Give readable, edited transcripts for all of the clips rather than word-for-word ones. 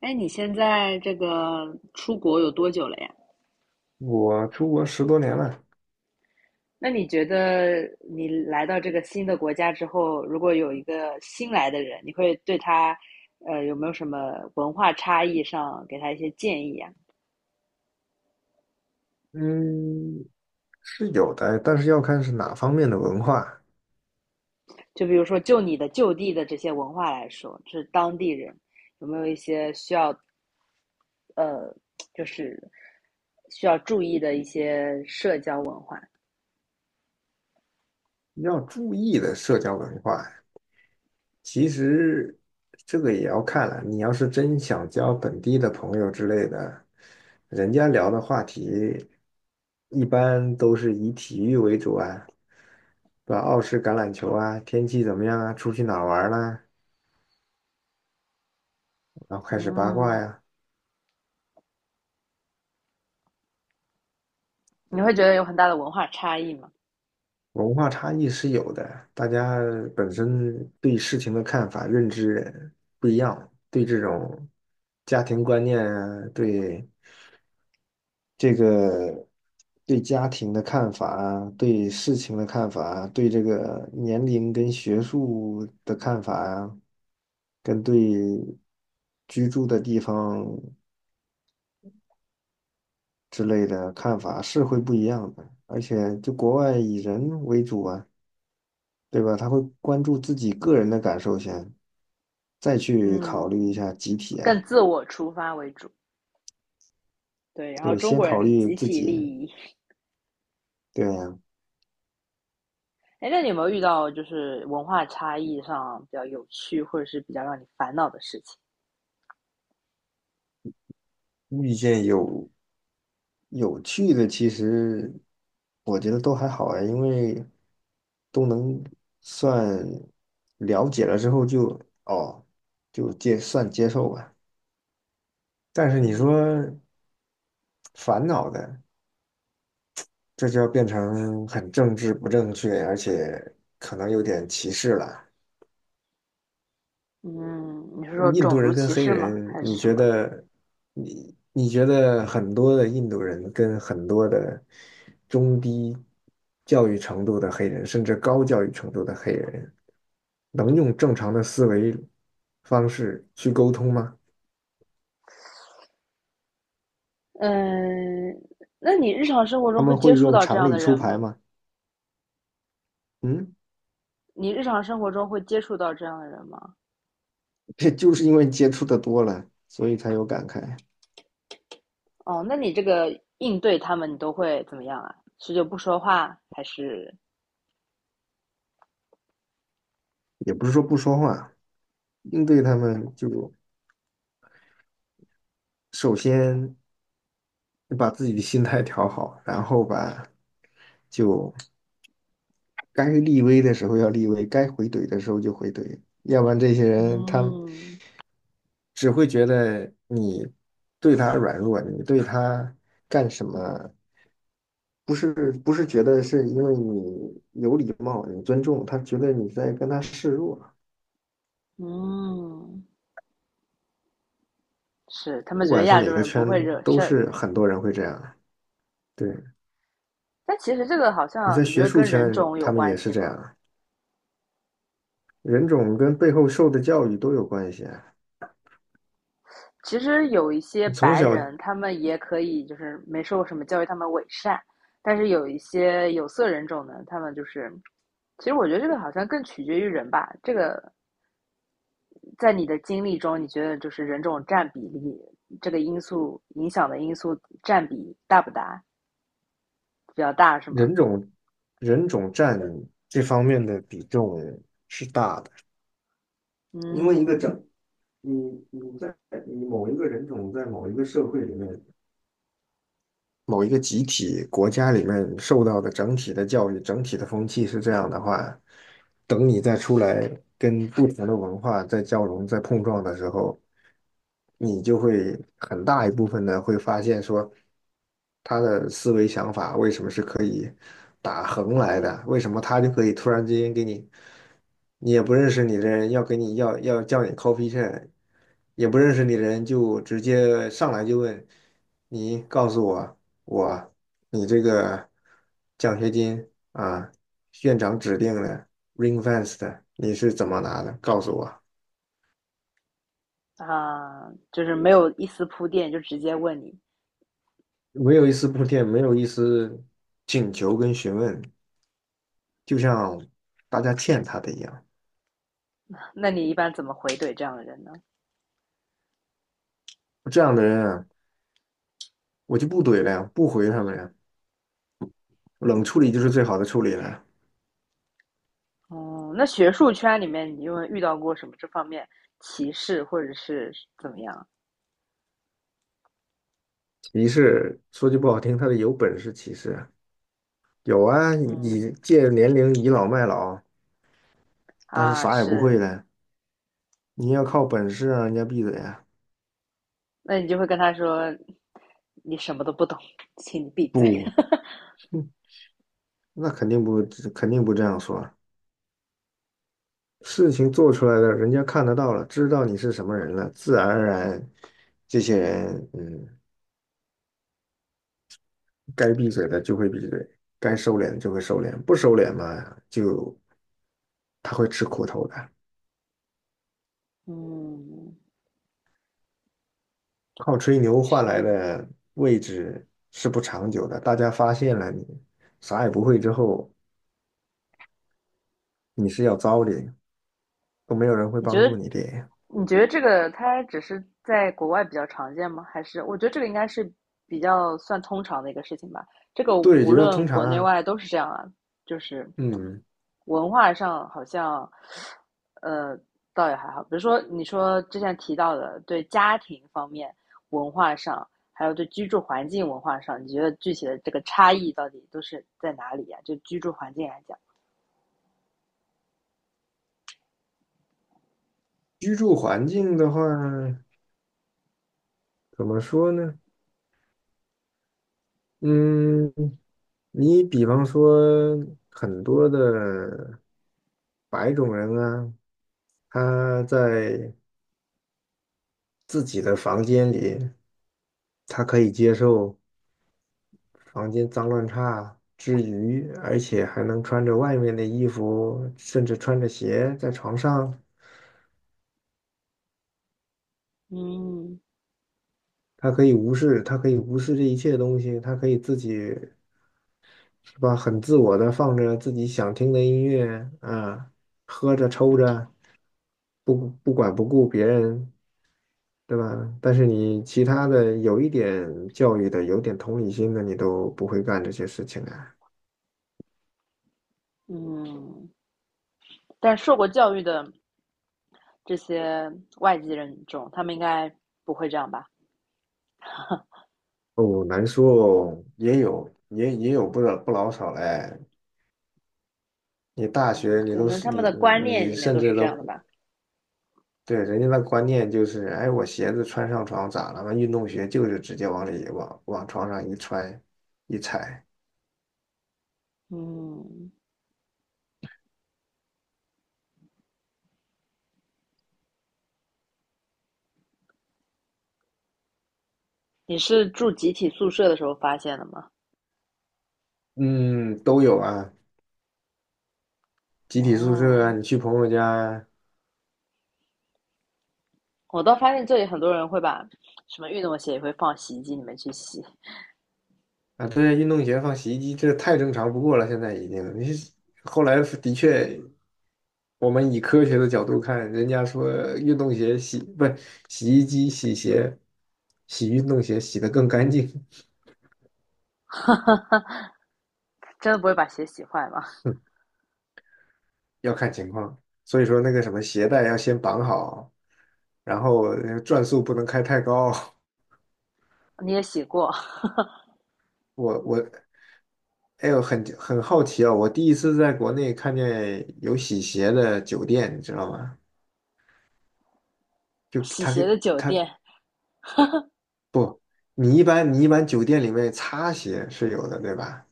哎，你现在这个出国有多久了呀？我出国10多年了。那你觉得你来到这个新的国家之后，如果有一个新来的人，你会对他，有没有什么文化差异上给他一些建议啊？嗯，是有的，但是要看是哪方面的文化。就比如说，就你的就地的这些文化来说，就是当地人有没有一些需要，呃，就是需要注意的一些社交文化？要注意的社交文化。其实这个也要看了，你要是真想交本地的朋友之类的，人家聊的话题一般都是以体育为主啊，对吧？澳式橄榄球啊，天气怎么样啊，出去哪儿玩儿啦，然后开始八卦嗯，呀。你会觉得有很大的文化差异吗？文化差异是有的，大家本身对事情的看法、认知不一样，对这种家庭观念啊，对这个对家庭的看法啊，对事情的看法啊，对这个年龄跟学术的看法啊，跟对居住的地方之类的看法是会不一样的，而且就国外以人为主啊。对吧？他会关注自己个人的感受先，再去考虑一嗯，下集体更啊。自我出发为主。对，然后对，中先国人考是虑集自体利己。益。对啊。哎，那你有没有遇到就是文化差异上比较有趣，或者是比较让你烦恼的事情？遇见有趣的，其实我觉得都还好啊，因为都能算了解了之后就哦，就接受吧。但是你嗯。说烦恼的，这就要变成很政治不正确，而且可能有点歧视了。嗯，你是说印度种族人跟歧黑视吗？人，还是你什觉么？得你觉得很多的印度人跟很多的中低教育程度的黑人，甚至高教育程度的黑人，能用正常的思维方式去沟通吗？嗯，那你日常生活他中会们接会触用到这常样理的出人牌吗？吗？嗯，你日常生活中会接触到这样的人吗？这就是因为接触的多了，所以才有感慨。哦，那你这个应对他们，你都会怎么样啊？是就不说话，还是也不是说不说话，应对他们就首先把自己的心态调好，然后吧，就。该立威的时候要立威，该回怼的时候就回怼，要不然这些人他嗯。只会觉得你对他软弱，你对他干什么，不是觉得是因为你有礼貌，你尊重，他觉得你在跟他示弱。嗯？是，他们不觉得管是亚洲哪个人不圈，会惹都事儿，是很多人会这样。对，但其实这个好你像在你觉学得术跟人圈，种有他们关也是系这吗？样。人种跟背后受的教育都有关系啊。其实有一些你从白小人，他们也可以就是没受过什么教育，他们伪善，但是有一些有色人种呢，他们就是，其实我觉得这个好像更取决于人吧。这个在你的经历中，你觉得就是人种占比例这个因素影响的因素占比大不大？比较大是吗？人种人种占这方面的比重是大的，因为一个嗯。整，你在你某一个人种在某一个社会里面，某一个集体国家里面受到的整体的教育、整体的风气是这样的话，等你再出来跟不同的文化在交融、在碰撞的时候，你就会很大一部分呢会发现说，他的思维想法为什么是可以打横来的？为什么他就可以突然之间给你，你也不认识你的人要叫你 coffee chat，也不认识你的人就直接上来就问你告诉我。我，你这个奖学金啊，院长指定的 ring f e s t 你是怎么拿的？告诉我。啊，就是没有一丝铺垫就直接问你。没有一丝铺垫，没有一丝请求跟询问，就像大家欠他的一样。那你一般怎么回怼这样的人呢？这样的人啊，我就不怼了呀，不回他们呀，冷处理就是最好的处理了。哦，嗯，那学术圈里面你有遇到过什么这方面歧视或者是怎么样？歧视，说句不好听，他的有本事歧视啊有啊，嗯，你借年龄倚老卖老，但是啊，啥也不会是，的，你要靠本事啊，人家闭嘴啊。那你就会跟他说，你什么都不懂，请你闭嘴。不。那肯定不这样说啊。事情做出来了，人家看得到了，知道你是什么人了，自然而然，这些人，嗯，该闭嘴的就会闭嘴，该收敛的就会收敛，不收敛嘛，就他会吃苦头的。嗯，靠吹牛换来是，的位置是不长久的，大家发现了你啥也不会之后，你是要糟的，都没有人会你觉帮得助你的。你觉得这个它只是在国外比较常见吗？还是我觉得这个应该是比较算通常的一个事情吧。这个对，不就要论通常国内啊。外都是这样啊，就是嗯，文化上好像，呃，倒也还好。比如说你说之前提到的，对家庭方面文化上，还有对居住环境文化上，你觉得具体的这个差异到底都是在哪里呀、就居住环境来讲，居住环境的话，怎么说呢？嗯，你比方说很多的白种人啊，他在自己的房间里，他可以接受房间脏乱差之余，而且还能穿着外面的衣服，甚至穿着鞋在床上，嗯。他可以无视，他可以无视这一切东西，他可以自己是吧，很自我的放着自己想听的音乐啊，喝着抽着，不管不顾别人。对吧？但是你其他的有一点教育的、有点同理心的，你都不会干这些事情啊。嗯，但受过教育的。这些外籍人种，他们应该不会这样吧？哦，难说哦，也有不老少嘞。你大嗯，学你可都能是他你们的观你念你里面甚都是至这样都的吧。对人家的观念就是，哎，我鞋子穿上床咋了嘛？运动鞋就是直接往里往床上一穿一踩。嗯，你是住集体宿舍的时候发现的吗？嗯，都有啊。集体宿舍啊，哦，你去朋友家。我倒发现这里很多人会把什么运动鞋也会放洗衣机里面去洗，啊，对，运动鞋放洗衣机，这太正常不过了，现在已经。你是后来的确，我们以科学的角度看，人家说运动鞋洗，不，洗衣机洗鞋，洗运动鞋洗得更干净。真的不会把鞋洗坏吗？要看情况。所以说那个什么鞋带要先绑好，然后转速不能开太高。你也洗过我，哎呦，很好奇啊，我第1次在国内看见有洗鞋的酒店，你知道吗？就洗他鞋的给酒他店不，你一般酒店里面擦鞋是有的，对吧？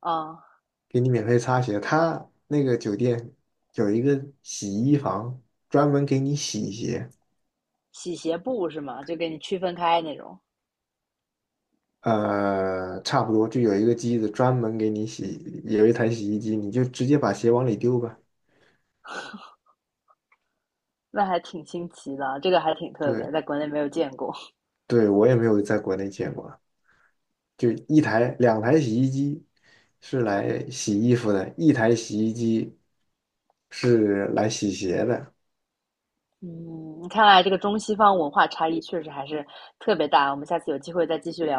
啊、嗯给你免费擦鞋，他那个酒店有一个洗衣房，专门给你洗鞋。洗鞋布是吗？就给你区分开那种，呃，差不多就有一个机子专门给你洗，有一台洗衣机，你就直接把鞋往里丢吧。那还挺新奇的啊，这个还挺特别，对，在国内没有见过。对，我也没有在国内见过，就1台2台洗衣机是来洗衣服的，一台洗衣机是来洗鞋的。嗯，看来这个中西方文化差异确实还是特别大，我们下次有机会再继续聊吧。